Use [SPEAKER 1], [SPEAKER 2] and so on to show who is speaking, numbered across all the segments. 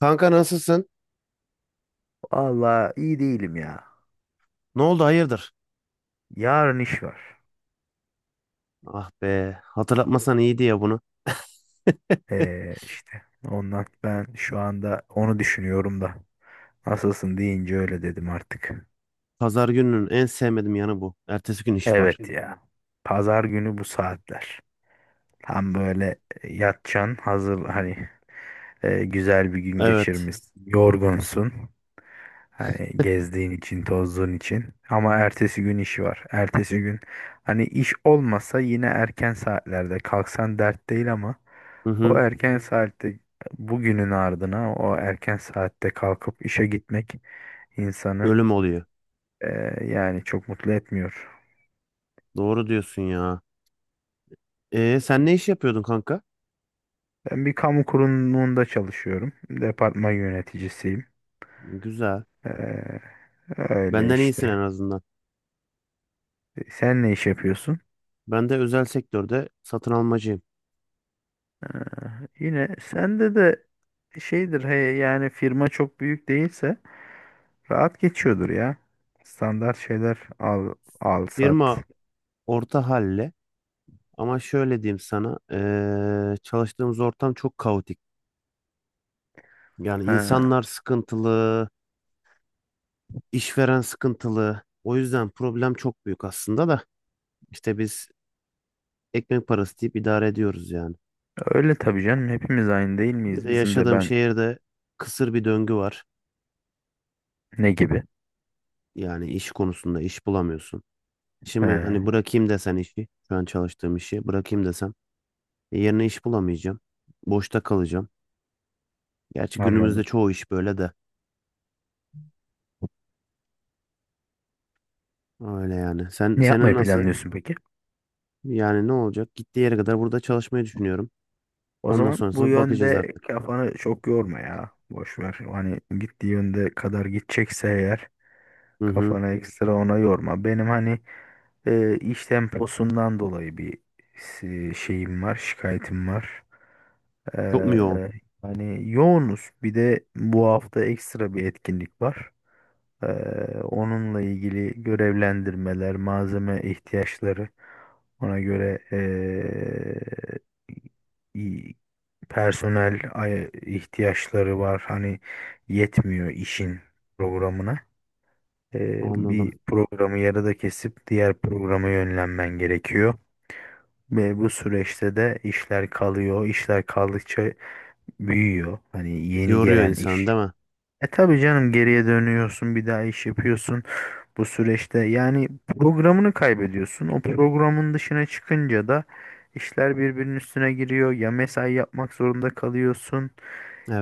[SPEAKER 1] Kanka nasılsın?
[SPEAKER 2] Vallahi iyi değilim ya.
[SPEAKER 1] Ne oldu hayırdır?
[SPEAKER 2] Yarın iş var.
[SPEAKER 1] Ah be hatırlatmasan iyiydi ya bunu.
[SPEAKER 2] İşte ondan ben şu anda onu düşünüyorum da. Nasılsın deyince öyle dedim artık.
[SPEAKER 1] Pazar gününün en sevmediğim yanı bu. Ertesi gün iş var.
[SPEAKER 2] Evet ya. Pazar günü bu saatler. Tam böyle yatacaksın hazır hani güzel bir gün
[SPEAKER 1] Evet.
[SPEAKER 2] geçirmişsin. Yorgunsun. Hani gezdiğin için, tozduğun için. Ama ertesi gün işi var. Ertesi gün hani iş olmasa yine erken saatlerde kalksan dert değil ama
[SPEAKER 1] Hı
[SPEAKER 2] o
[SPEAKER 1] hı.
[SPEAKER 2] erken, evet, saatte bugünün ardına o erken saatte kalkıp işe gitmek insanı
[SPEAKER 1] Ölüm oluyor.
[SPEAKER 2] yani çok mutlu etmiyor.
[SPEAKER 1] Doğru diyorsun ya. E sen ne iş yapıyordun kanka?
[SPEAKER 2] Ben bir kamu kurumunda çalışıyorum. Departman yöneticisiyim.
[SPEAKER 1] Güzel.
[SPEAKER 2] Eee, öyle
[SPEAKER 1] Benden iyisin
[SPEAKER 2] işte.
[SPEAKER 1] en azından.
[SPEAKER 2] Sen ne iş yapıyorsun?
[SPEAKER 1] Ben de özel sektörde satın almacıyım.
[SPEAKER 2] Yine sende de şeydir he, yani firma çok büyük değilse rahat geçiyordur ya. Standart şeyler al, al sat.
[SPEAKER 1] Firma orta halle ama şöyle diyeyim sana. Çalıştığımız ortam çok kaotik. Yani
[SPEAKER 2] Ha,
[SPEAKER 1] insanlar sıkıntılı, işveren sıkıntılı. O yüzden problem çok büyük aslında da. İşte biz ekmek parası deyip idare ediyoruz yani.
[SPEAKER 2] öyle tabii canım. Hepimiz aynı değil
[SPEAKER 1] Bir
[SPEAKER 2] miyiz?
[SPEAKER 1] de
[SPEAKER 2] Bizim de
[SPEAKER 1] yaşadığım
[SPEAKER 2] ben
[SPEAKER 1] şehirde kısır bir döngü var.
[SPEAKER 2] ne gibi?
[SPEAKER 1] Yani iş konusunda iş bulamıyorsun.
[SPEAKER 2] He,
[SPEAKER 1] Şimdi hani bırakayım desen işi, şu an çalıştığım işi bırakayım desem yerine iş bulamayacağım. Boşta kalacağım. Gerçi günümüzde
[SPEAKER 2] anladım.
[SPEAKER 1] çoğu iş böyle de. Öyle yani. Sen
[SPEAKER 2] Ne
[SPEAKER 1] senin
[SPEAKER 2] yapmayı
[SPEAKER 1] nasıl?
[SPEAKER 2] planlıyorsun peki?
[SPEAKER 1] Yani ne olacak? Gittiği yere kadar burada çalışmayı düşünüyorum.
[SPEAKER 2] O
[SPEAKER 1] Ondan
[SPEAKER 2] zaman bu
[SPEAKER 1] sonrasına bakacağız
[SPEAKER 2] yönde
[SPEAKER 1] artık.
[SPEAKER 2] kafanı çok yorma ya. Boş ver. Hani gittiği yönde kadar gidecekse eğer
[SPEAKER 1] Hı hı.
[SPEAKER 2] kafanı ekstra ona yorma. Benim hani iş temposundan dolayı bir şeyim var, şikayetim var. Ee,
[SPEAKER 1] Çok mu yoğun?
[SPEAKER 2] yani yoğunuz. Bir de bu hafta ekstra bir etkinlik var. Ee, onunla ilgili görevlendirmeler, malzeme ihtiyaçları, ona göre i- personel ihtiyaçları var. Hani yetmiyor işin programına.
[SPEAKER 1] Anladım.
[SPEAKER 2] Bir programı yarıda kesip diğer programa yönlenmen gerekiyor. Ve bu süreçte de işler kalıyor. İşler kaldıkça büyüyor. Hani yeni
[SPEAKER 1] Yoruyor
[SPEAKER 2] gelen
[SPEAKER 1] insan
[SPEAKER 2] iş.
[SPEAKER 1] değil mi?
[SPEAKER 2] E tabii canım geriye dönüyorsun bir daha iş yapıyorsun bu süreçte yani programını kaybediyorsun. O programın dışına çıkınca da işler birbirinin üstüne giriyor. Ya mesai yapmak zorunda kalıyorsun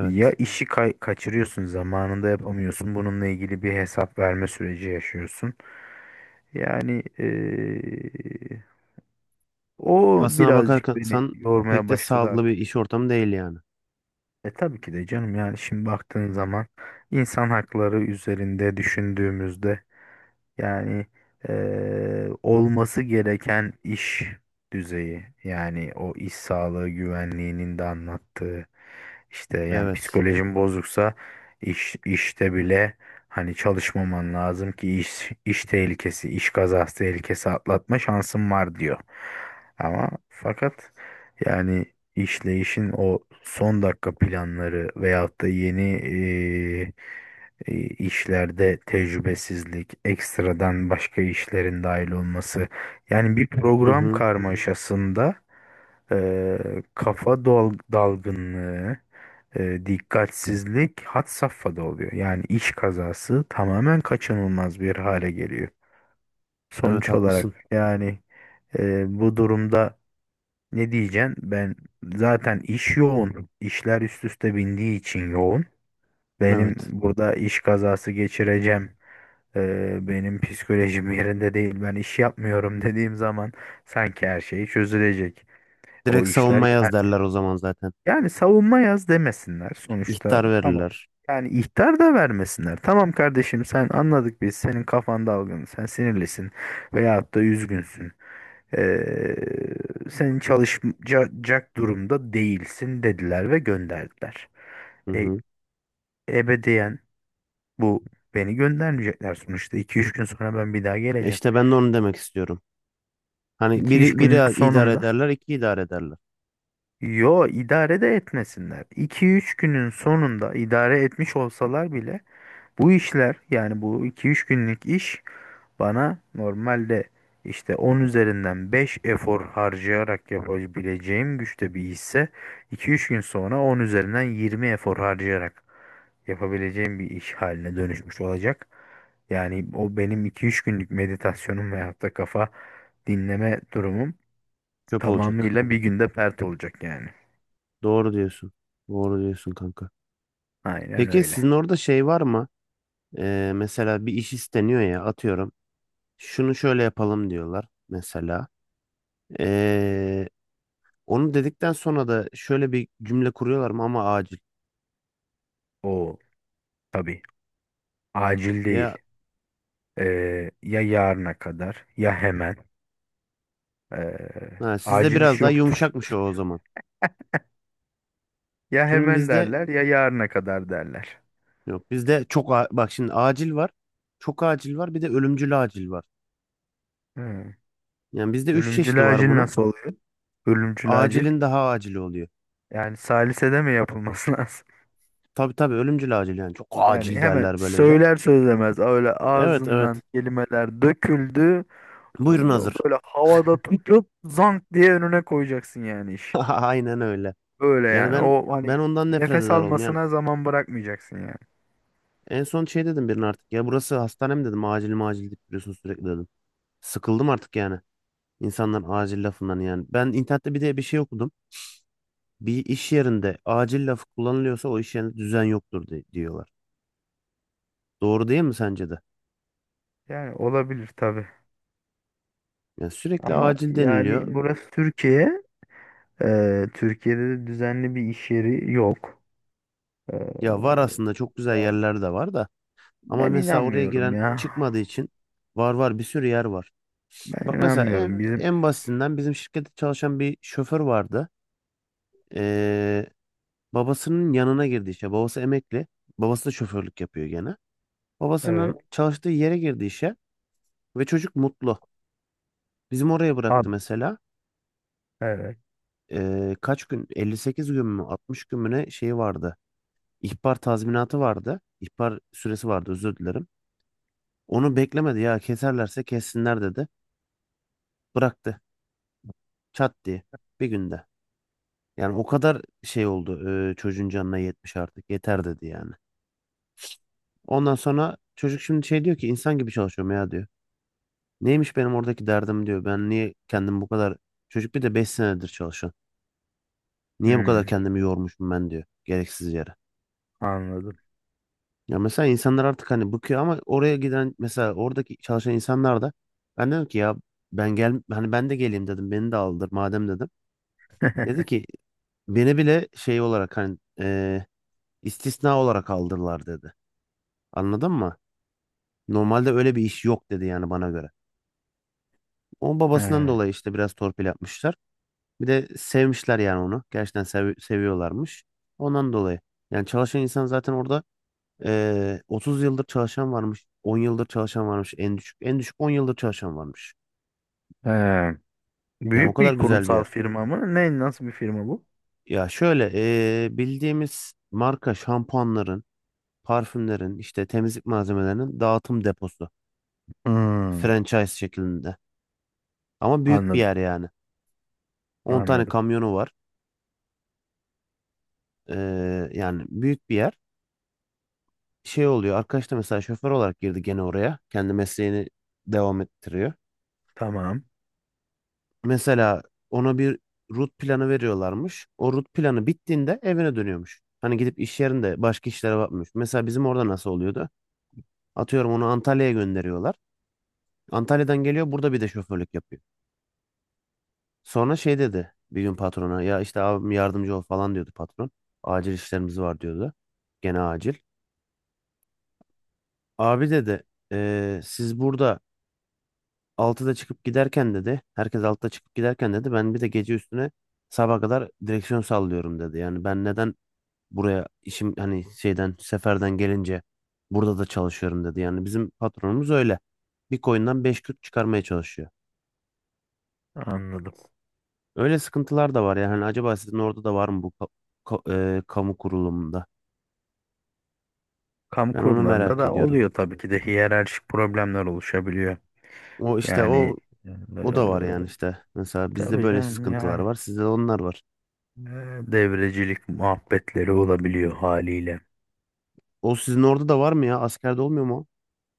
[SPEAKER 2] ya işi kaçırıyorsun zamanında yapamıyorsun. Bununla ilgili bir hesap verme süreci yaşıyorsun. Yani o
[SPEAKER 1] Aslına
[SPEAKER 2] birazcık beni
[SPEAKER 1] bakarsan pek
[SPEAKER 2] yormaya
[SPEAKER 1] de
[SPEAKER 2] başladı
[SPEAKER 1] sağlıklı bir
[SPEAKER 2] artık.
[SPEAKER 1] iş ortamı değil yani.
[SPEAKER 2] E tabii ki de canım yani şimdi baktığın zaman insan hakları üzerinde düşündüğümüzde yani olması gereken iş düzeyi yani o iş sağlığı güvenliğinin de anlattığı işte yani
[SPEAKER 1] Evet.
[SPEAKER 2] psikolojin bozuksa iş işte bile hani çalışmaman lazım ki iş tehlikesi, iş kazası tehlikesi atlatma şansın var diyor. Ama fakat yani işleyişin o son dakika planları veyahut da yeni işlerde tecrübesizlik, ekstradan başka işlerin dahil olması. Yani bir
[SPEAKER 1] Hı
[SPEAKER 2] program
[SPEAKER 1] hı.
[SPEAKER 2] karmaşasında e, kafa dalgınlığı, dikkatsizlik had safhada oluyor. Yani iş kazası tamamen kaçınılmaz bir hale geliyor.
[SPEAKER 1] Evet
[SPEAKER 2] Sonuç olarak,
[SPEAKER 1] haklısın.
[SPEAKER 2] evet, yani bu durumda ne diyeceksin? Ben zaten iş yoğun, işler üst üste bindiği için yoğun. Benim
[SPEAKER 1] Evet.
[SPEAKER 2] burada iş kazası geçireceğim benim psikolojim yerinde değil. Ben iş yapmıyorum dediğim zaman sanki her şey çözülecek. O
[SPEAKER 1] Direkt
[SPEAKER 2] işler
[SPEAKER 1] savunma yaz
[SPEAKER 2] yani,
[SPEAKER 1] derler o zaman zaten.
[SPEAKER 2] yani savunma yaz demesinler sonuçta.
[SPEAKER 1] İhtar
[SPEAKER 2] Tamam.
[SPEAKER 1] verirler.
[SPEAKER 2] Yani ihtar da vermesinler. Tamam kardeşim sen anladık biz. Senin kafan dalgın. Sen sinirlisin veyahut da üzgünsün. Ee, senin çalışacak durumda değilsin dediler ve gönderdiler.
[SPEAKER 1] Hı
[SPEAKER 2] E,
[SPEAKER 1] hı.
[SPEAKER 2] ebediyen bu beni göndermeyecekler sonuçta. İki üç gün sonra ben bir daha
[SPEAKER 1] E
[SPEAKER 2] geleceğim.
[SPEAKER 1] İşte ben de onu demek istiyorum. Hani
[SPEAKER 2] 2 üç
[SPEAKER 1] biri,
[SPEAKER 2] günün
[SPEAKER 1] biri idare
[SPEAKER 2] sonunda.
[SPEAKER 1] ederler, iki idare ederler.
[SPEAKER 2] Yo idare de etmesinler. 2 üç günün sonunda idare etmiş olsalar bile bu işler yani bu iki üç günlük iş bana normalde işte 10 üzerinden 5 efor harcayarak yapabileceğim güçte bir işse iki üç gün sonra 10 üzerinden 20 efor harcayarak yapabileceğim bir iş haline dönüşmüş olacak. Yani o benim iki üç günlük meditasyonum veyahut da kafa dinleme durumum
[SPEAKER 1] Çöp olacak.
[SPEAKER 2] tamamıyla bir günde pert olacak yani.
[SPEAKER 1] Doğru diyorsun. Doğru diyorsun kanka.
[SPEAKER 2] Aynen
[SPEAKER 1] Peki
[SPEAKER 2] öyle.
[SPEAKER 1] sizin orada şey var mı? Mesela bir iş isteniyor ya atıyorum. Şunu şöyle yapalım diyorlar mesela. E, onu dedikten sonra da şöyle bir cümle kuruyorlar mı ama acil.
[SPEAKER 2] O tabii acil
[SPEAKER 1] Ya
[SPEAKER 2] değil. Ya yarına kadar ya hemen. Ee,
[SPEAKER 1] ha, sizde
[SPEAKER 2] acil
[SPEAKER 1] biraz
[SPEAKER 2] iş
[SPEAKER 1] daha
[SPEAKER 2] yoktur.
[SPEAKER 1] yumuşakmış o zaman.
[SPEAKER 2] Ya
[SPEAKER 1] Çünkü
[SPEAKER 2] hemen
[SPEAKER 1] bizde
[SPEAKER 2] derler ya yarına kadar derler.
[SPEAKER 1] yok bizde çok a- bak şimdi acil var. Çok acil var bir de ölümcül acil var.
[SPEAKER 2] Hı.
[SPEAKER 1] Yani bizde üç çeşidi
[SPEAKER 2] Ölümcül
[SPEAKER 1] var
[SPEAKER 2] acil
[SPEAKER 1] bunun.
[SPEAKER 2] nasıl oluyor? Ölümcül acil.
[SPEAKER 1] Acilin daha acili oluyor.
[SPEAKER 2] Yani salisede mi yapılması lazım?
[SPEAKER 1] Tabii tabii ölümcül acil yani çok
[SPEAKER 2] Yani
[SPEAKER 1] acil
[SPEAKER 2] hemen
[SPEAKER 1] derler böyle bir de.
[SPEAKER 2] söyler söylemez öyle
[SPEAKER 1] Evet
[SPEAKER 2] ağzından
[SPEAKER 1] evet.
[SPEAKER 2] kelimeler döküldü.
[SPEAKER 1] Buyurun hazır.
[SPEAKER 2] Böyle havada tutup zank diye önüne koyacaksın yani iş.
[SPEAKER 1] Aynen öyle.
[SPEAKER 2] Öyle
[SPEAKER 1] Yani
[SPEAKER 2] yani.
[SPEAKER 1] ben
[SPEAKER 2] O hani
[SPEAKER 1] ben ondan nefret
[SPEAKER 2] nefes
[SPEAKER 1] eder oldum. Yani
[SPEAKER 2] almasına zaman bırakmayacaksın yani.
[SPEAKER 1] en son şey dedim birine artık ya burası hastane mi dedim acil macil deyip duruyorsun sürekli dedim. Sıkıldım artık yani. İnsanlar acil lafından yani. Ben internette bir de bir şey okudum. Bir iş yerinde acil lafı kullanılıyorsa o iş yerinde düzen yoktur di- diyorlar. Doğru değil mi sence de?
[SPEAKER 2] Yani olabilir tabii.
[SPEAKER 1] Yani sürekli
[SPEAKER 2] Ama
[SPEAKER 1] acil
[SPEAKER 2] yani
[SPEAKER 1] deniliyor.
[SPEAKER 2] burası Türkiye. Türkiye'de de düzenli bir iş yeri yok. Ee,
[SPEAKER 1] Ya var aslında çok güzel
[SPEAKER 2] yani
[SPEAKER 1] yerler de var da. Ama
[SPEAKER 2] ben
[SPEAKER 1] mesela oraya
[SPEAKER 2] inanmıyorum
[SPEAKER 1] giren
[SPEAKER 2] ya.
[SPEAKER 1] çıkmadığı için var var bir sürü yer var.
[SPEAKER 2] Ben
[SPEAKER 1] Bak mesela en,
[SPEAKER 2] inanmıyorum. Bizim
[SPEAKER 1] en basitinden bizim şirkette çalışan bir şoför vardı. Ee, Babasının yanına girdi işe. Babası emekli. Babası da şoförlük yapıyor gene. Babasının
[SPEAKER 2] evet.
[SPEAKER 1] çalıştığı yere girdi işe ve çocuk mutlu. Bizim oraya
[SPEAKER 2] Ad,
[SPEAKER 1] bıraktı mesela.
[SPEAKER 2] evet.
[SPEAKER 1] Kaç gün? 58 gün mü? 60 gün mü ne şeyi vardı. İhbar tazminatı vardı. İhbar süresi vardı özür dilerim. Onu beklemedi ya keserlerse kessinler dedi. Bıraktı. Çat diye. Bir günde. Yani o kadar şey oldu. Çocuğun canına yetmiş artık. Yeter dedi yani. Ondan sonra çocuk şimdi şey diyor ki insan gibi çalışıyorum ya diyor. Neymiş benim oradaki derdim diyor. Ben niye kendimi bu kadar... Çocuk bir de 5 senedir çalışan. Niye bu kadar
[SPEAKER 2] Hmm,
[SPEAKER 1] kendimi yormuşum ben diyor. Gereksiz yere.
[SPEAKER 2] anladım.
[SPEAKER 1] Ya mesela insanlar artık hani bıkıyor ama oraya giden mesela oradaki çalışan insanlar da ben dedim ki ya ben gel hani ben de geleyim dedim beni de aldır madem dedim. Dedi ki beni bile şey olarak hani istisna olarak aldırlar dedi. Anladın mı? Normalde öyle bir iş yok dedi yani bana göre. O
[SPEAKER 2] He,
[SPEAKER 1] babasından dolayı işte biraz torpil yapmışlar. Bir de sevmişler yani onu. Gerçekten sev- seviyorlarmış. Ondan dolayı. Yani çalışan insan zaten orada. 30 yıldır çalışan varmış, 10 yıldır çalışan varmış en düşük. En düşük 10 yıldır çalışan varmış.
[SPEAKER 2] he.
[SPEAKER 1] Yani o
[SPEAKER 2] Büyük bir
[SPEAKER 1] kadar güzel bir
[SPEAKER 2] kurumsal
[SPEAKER 1] yer.
[SPEAKER 2] firma mı? Ne, nasıl bir firma bu?
[SPEAKER 1] Ya şöyle bildiğimiz marka şampuanların, parfümlerin, işte temizlik malzemelerinin dağıtım deposu.
[SPEAKER 2] Hmm,
[SPEAKER 1] Franchise şeklinde. Ama büyük bir
[SPEAKER 2] anladım.
[SPEAKER 1] yer yani. 10 tane
[SPEAKER 2] Anladım.
[SPEAKER 1] kamyonu var. Yani büyük bir yer. Şey oluyor, arkadaş da mesela şoför olarak girdi gene oraya. Kendi mesleğini devam ettiriyor.
[SPEAKER 2] Tamam.
[SPEAKER 1] Mesela ona bir rut planı veriyorlarmış. O rut planı bittiğinde evine dönüyormuş. Hani gidip iş yerinde başka işlere bakmış. Mesela bizim orada nasıl oluyordu? Atıyorum onu Antalya'ya gönderiyorlar. Antalya'dan geliyor burada bir de şoförlük yapıyor. Sonra şey dedi bir gün patrona ya işte abim yardımcı ol falan diyordu patron. Acil işlerimiz var diyordu. Gene acil. Abi dedi, siz burada 6'da çıkıp giderken dedi. Herkes 6'da çıkıp giderken dedi. Ben bir de gece üstüne sabaha kadar direksiyon sallıyorum dedi. Yani ben neden buraya işim hani şeyden seferden gelince burada da çalışıyorum dedi. Yani bizim patronumuz öyle. Bir koyundan 5 küt çıkarmaya çalışıyor.
[SPEAKER 2] Anladım.
[SPEAKER 1] Öyle sıkıntılar da var yani. Hani acaba sizin orada da var mı bu kamu kurulumunda?
[SPEAKER 2] Kamu
[SPEAKER 1] Ben onu
[SPEAKER 2] kurumlarında
[SPEAKER 1] merak
[SPEAKER 2] da
[SPEAKER 1] ediyorum.
[SPEAKER 2] oluyor tabii ki de hiyerarşik problemler oluşabiliyor.
[SPEAKER 1] O işte
[SPEAKER 2] Yani
[SPEAKER 1] o
[SPEAKER 2] eee
[SPEAKER 1] O da var yani işte. Mesela bizde
[SPEAKER 2] tabii
[SPEAKER 1] böyle
[SPEAKER 2] canım
[SPEAKER 1] sıkıntılar
[SPEAKER 2] yani
[SPEAKER 1] var. Sizde de onlar var.
[SPEAKER 2] devrecilik muhabbetleri olabiliyor haliyle.
[SPEAKER 1] O sizin orada da var mı ya? Askerde olmuyor mu o?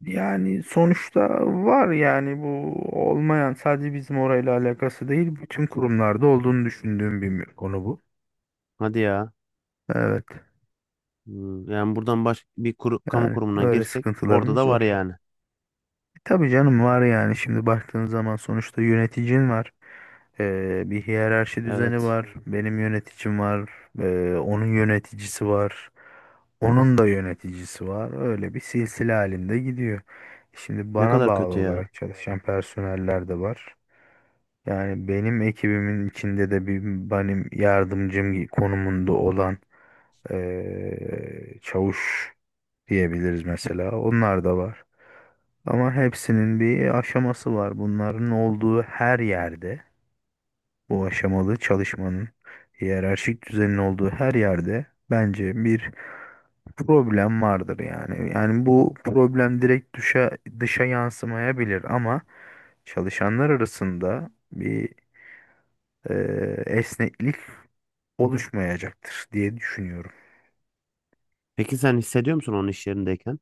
[SPEAKER 2] Yani sonuçta var yani bu olmayan sadece bizim orayla alakası değil bütün kurumlarda olduğunu düşündüğüm bir konu bu.
[SPEAKER 1] Hadi ya.
[SPEAKER 2] Evet
[SPEAKER 1] Hmm, yani buradan baş bir kuru- kamu
[SPEAKER 2] yani
[SPEAKER 1] kurumuna
[SPEAKER 2] böyle
[SPEAKER 1] girsek orada
[SPEAKER 2] sıkıntılarımız
[SPEAKER 1] da var
[SPEAKER 2] var.
[SPEAKER 1] yani.
[SPEAKER 2] Tabii canım var yani şimdi baktığın zaman sonuçta yöneticin var. Bir hiyerarşi düzeni
[SPEAKER 1] Evet.
[SPEAKER 2] var. Benim yöneticim var. Onun yöneticisi var. Onun da yöneticisi var. Öyle bir silsile halinde gidiyor. Şimdi
[SPEAKER 1] Ne
[SPEAKER 2] bana
[SPEAKER 1] kadar
[SPEAKER 2] bağlı
[SPEAKER 1] kötü ya.
[SPEAKER 2] olarak çalışan personeller de var. Yani benim ekibimin içinde de bir benim yardımcım konumunda olan çavuş diyebiliriz mesela. Onlar da var. Ama hepsinin bir aşaması var. Bunların olduğu her yerde, bu aşamalı çalışmanın hiyerarşik düzenin olduğu her yerde bence bir problem vardır yani. Yani bu problem direkt dışa yansımayabilir ama çalışanlar arasında bir esneklik oluşmayacaktır diye düşünüyorum.
[SPEAKER 1] Peki sen hissediyor musun onun iş yerindeyken?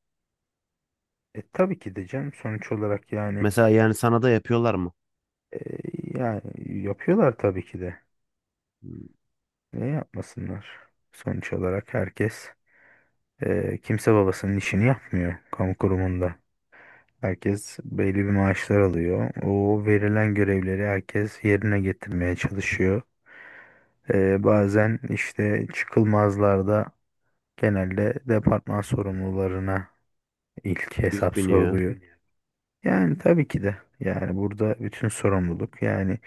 [SPEAKER 2] E, tabii ki de canım sonuç olarak yani
[SPEAKER 1] Mesela yani sana da yapıyorlar mı?
[SPEAKER 2] e, yani yapıyorlar tabii ki de.
[SPEAKER 1] Hmm,
[SPEAKER 2] Ne yapmasınlar? Sonuç olarak herkes kimse babasının işini yapmıyor kamu kurumunda. Herkes belli bir maaşlar alıyor. O verilen görevleri herkes yerine getirmeye çalışıyor. Bazen işte çıkılmazlarda genelde departman sorumlularına ilk
[SPEAKER 1] yük
[SPEAKER 2] hesap
[SPEAKER 1] biniyor.
[SPEAKER 2] soruluyor. Yani tabii ki de yani burada bütün sorumluluk yani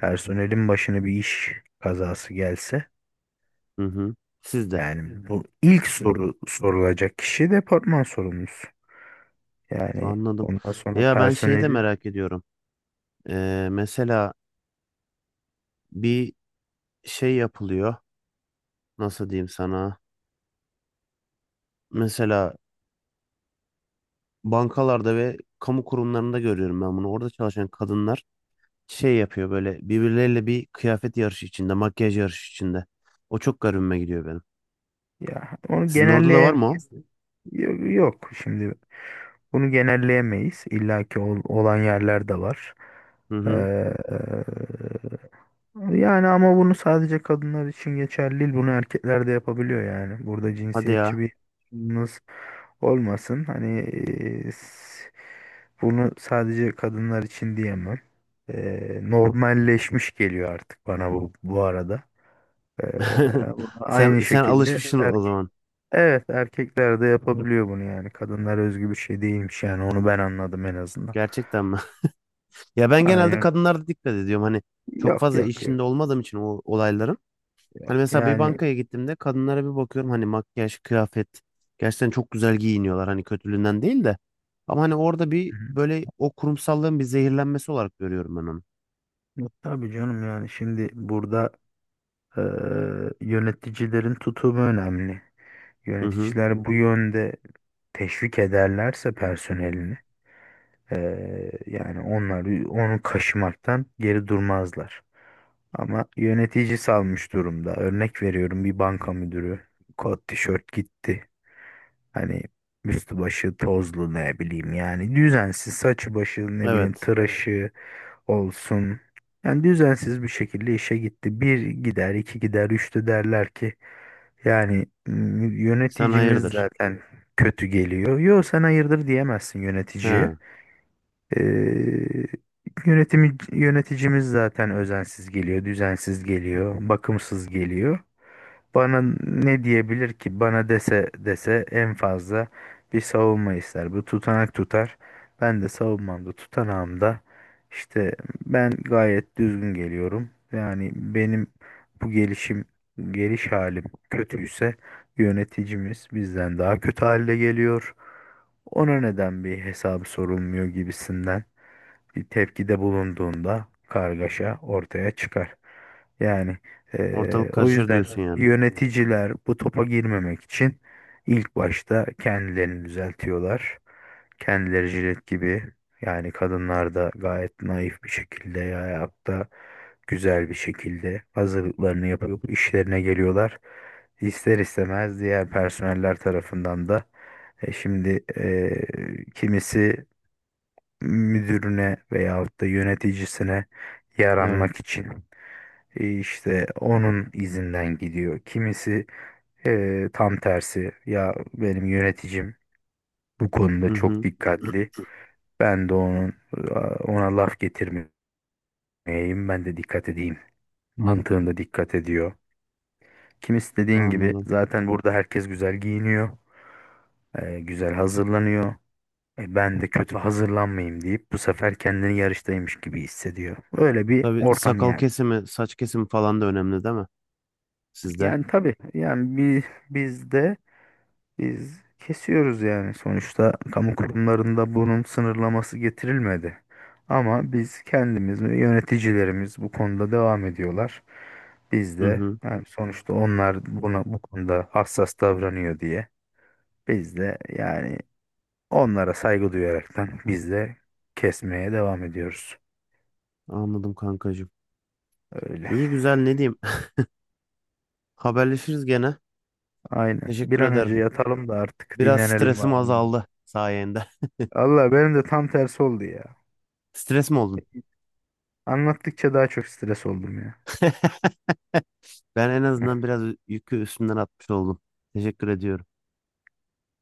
[SPEAKER 2] personelin başına bir iş kazası gelse
[SPEAKER 1] Hı hı. Siz de.
[SPEAKER 2] yani, evet, bu ilk soru sorulacak kişi departman sorumlusu. Yani
[SPEAKER 1] Anladım.
[SPEAKER 2] ondan sonra
[SPEAKER 1] Ya ben şeyi de
[SPEAKER 2] personeli,
[SPEAKER 1] merak ediyorum. Mesela bir şey yapılıyor. Nasıl diyeyim sana? Mesela bankalarda ve kamu kurumlarında görüyorum ben bunu. Orada çalışan kadınlar şey yapıyor böyle birbirleriyle bir kıyafet yarışı içinde, makyaj yarışı içinde. O çok garibime gidiyor benim.
[SPEAKER 2] ya onu
[SPEAKER 1] Sizin orada da var mı o?
[SPEAKER 2] genelleyemeyiz. Yok, yok şimdi bunu genelleyemeyiz. İlla ki olan yerler de var.
[SPEAKER 1] Hı hı.
[SPEAKER 2] Ee, Yani ama bunu sadece kadınlar için geçerli değil. Bunu erkekler de yapabiliyor yani. Burada
[SPEAKER 1] Hadi
[SPEAKER 2] cinsiyetçi
[SPEAKER 1] ya.
[SPEAKER 2] bir yaklaşımınız olmasın. Hani e, s- bunu sadece kadınlar için diyemem. E, normalleşmiş geliyor artık bana bu arada. E,
[SPEAKER 1] Sen
[SPEAKER 2] aynı
[SPEAKER 1] sen
[SPEAKER 2] şekilde
[SPEAKER 1] alışmışsın o
[SPEAKER 2] erkek.
[SPEAKER 1] zaman.
[SPEAKER 2] Evet erkekler de yapabiliyor bunu yani. Kadınlar özgü bir şey değilmiş yani. Onu ben anladım en azından.
[SPEAKER 1] Gerçekten mi? Ya ben genelde
[SPEAKER 2] Aynen.
[SPEAKER 1] kadınlarda dikkat ediyorum. Hani çok
[SPEAKER 2] Yok
[SPEAKER 1] fazla
[SPEAKER 2] yok yok
[SPEAKER 1] işinde olmadığım için o olayların. Hani
[SPEAKER 2] yok.
[SPEAKER 1] mesela bir
[SPEAKER 2] Yani,
[SPEAKER 1] bankaya gittiğimde kadınlara bir bakıyorum. Hani makyaj, kıyafet. Gerçekten çok güzel giyiniyorlar. Hani kötülüğünden değil de. Ama hani orada bir böyle o kurumsallığın bir zehirlenmesi olarak görüyorum ben onu.
[SPEAKER 2] yok, tabii canım yani şimdi burada eee, yöneticilerin tutumu önemli.
[SPEAKER 1] Hı hı.
[SPEAKER 2] Yöneticiler bu yönde teşvik ederlerse personelini yani onlar onu kaşımaktan geri durmazlar. Ama yönetici salmış durumda. Örnek veriyorum bir banka müdürü kot tişört gitti. Hani üstü başı tozlu ne bileyim yani düzensiz saçı başı ne bileyim
[SPEAKER 1] Evet.
[SPEAKER 2] tıraşı olsun. Yani düzensiz bir şekilde işe gitti. Bir gider, iki gider, üçte derler ki yani
[SPEAKER 1] Sen
[SPEAKER 2] yöneticimiz
[SPEAKER 1] hayırdır?
[SPEAKER 2] zaten kötü geliyor. Yo sen hayırdır diyemezsin yöneticiye.
[SPEAKER 1] He.
[SPEAKER 2] Ee, yönetimi, yöneticimiz zaten özensiz geliyor, düzensiz geliyor, bakımsız geliyor. Bana ne diyebilir ki? Bana dese dese en fazla bir savunma ister. Bu tutanak tutar. Ben de savunmamda, tutanağımda işte ben gayet düzgün geliyorum. Yani benim bu gelişim, geliş halim kötüyse yöneticimiz bizden daha kötü halde geliyor. Ona neden bir hesabı sorulmuyor gibisinden bir tepkide bulunduğunda kargaşa ortaya çıkar. Yani
[SPEAKER 1] Ortalık
[SPEAKER 2] o
[SPEAKER 1] karışır
[SPEAKER 2] yüzden
[SPEAKER 1] diyorsun yani.
[SPEAKER 2] yöneticiler bu topa girmemek için ilk başta kendilerini düzeltiyorlar. Kendileri jilet gibi yani kadınlar da gayet naif bir şekilde ya hayatta güzel bir şekilde hazırlıklarını yapıp işlerine geliyorlar. İster istemez diğer personeller tarafından da şimdi kimisi müdürüne veyahut da yöneticisine yaranmak
[SPEAKER 1] Evet.
[SPEAKER 2] için işte onun izinden gidiyor. Kimisi tam tersi ya benim yöneticim bu konuda
[SPEAKER 1] Hı
[SPEAKER 2] çok
[SPEAKER 1] hı.
[SPEAKER 2] dikkatli. Ben de onun ona laf getirmeyeyim ben de dikkat edeyim. Mantığında dikkat ediyor. Kimisi dediğin gibi
[SPEAKER 1] Anladım.
[SPEAKER 2] zaten burada herkes güzel giyiniyor, güzel hazırlanıyor. E, ben de kötü hazırlanmayayım deyip bu sefer kendini yarıştaymış gibi hissediyor. Öyle bir
[SPEAKER 1] Tabii
[SPEAKER 2] ortam
[SPEAKER 1] sakal
[SPEAKER 2] yani.
[SPEAKER 1] kesimi, saç kesimi falan da önemli değil mi? Sizde.
[SPEAKER 2] Yani tabii yani biz de biz kesiyoruz yani sonuçta kamu kurumlarında bunun sınırlaması getirilmedi. Ama biz kendimiz ve yöneticilerimiz bu konuda devam ediyorlar. Biz
[SPEAKER 1] Hı
[SPEAKER 2] de
[SPEAKER 1] hı.
[SPEAKER 2] yani sonuçta onlar buna bu konuda hassas davranıyor diye biz de yani onlara saygı duyaraktan biz de kesmeye devam ediyoruz.
[SPEAKER 1] Anladım kankacığım.
[SPEAKER 2] Öyle.
[SPEAKER 1] İyi güzel ne diyeyim. Haberleşiriz gene.
[SPEAKER 2] Aynen. Bir
[SPEAKER 1] Teşekkür
[SPEAKER 2] an
[SPEAKER 1] ederim.
[SPEAKER 2] önce yatalım da artık
[SPEAKER 1] Biraz
[SPEAKER 2] dinlenelim
[SPEAKER 1] stresim
[SPEAKER 2] bari.
[SPEAKER 1] azaldı sayende.
[SPEAKER 2] Allah benim de tam tersi oldu ya.
[SPEAKER 1] Stres mi oldun?
[SPEAKER 2] Anlattıkça daha çok stres oldum ya.
[SPEAKER 1] Ben en azından
[SPEAKER 2] Heh,
[SPEAKER 1] biraz yükü üstümden atmış oldum. Teşekkür ediyorum.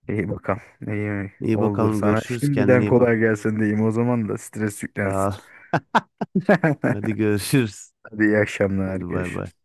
[SPEAKER 2] İyi bakalım. İyi mi?
[SPEAKER 1] İyi
[SPEAKER 2] Oldu
[SPEAKER 1] bakalım
[SPEAKER 2] sana.
[SPEAKER 1] görüşürüz. Kendine
[SPEAKER 2] Şimdiden
[SPEAKER 1] iyi bak.
[SPEAKER 2] kolay gelsin diyeyim. O zaman da stres
[SPEAKER 1] Sağ
[SPEAKER 2] yüklensin.
[SPEAKER 1] ol. Hadi görüşürüz.
[SPEAKER 2] Hadi iyi akşamlar.
[SPEAKER 1] Hadi bay bay.
[SPEAKER 2] Görüşürüz.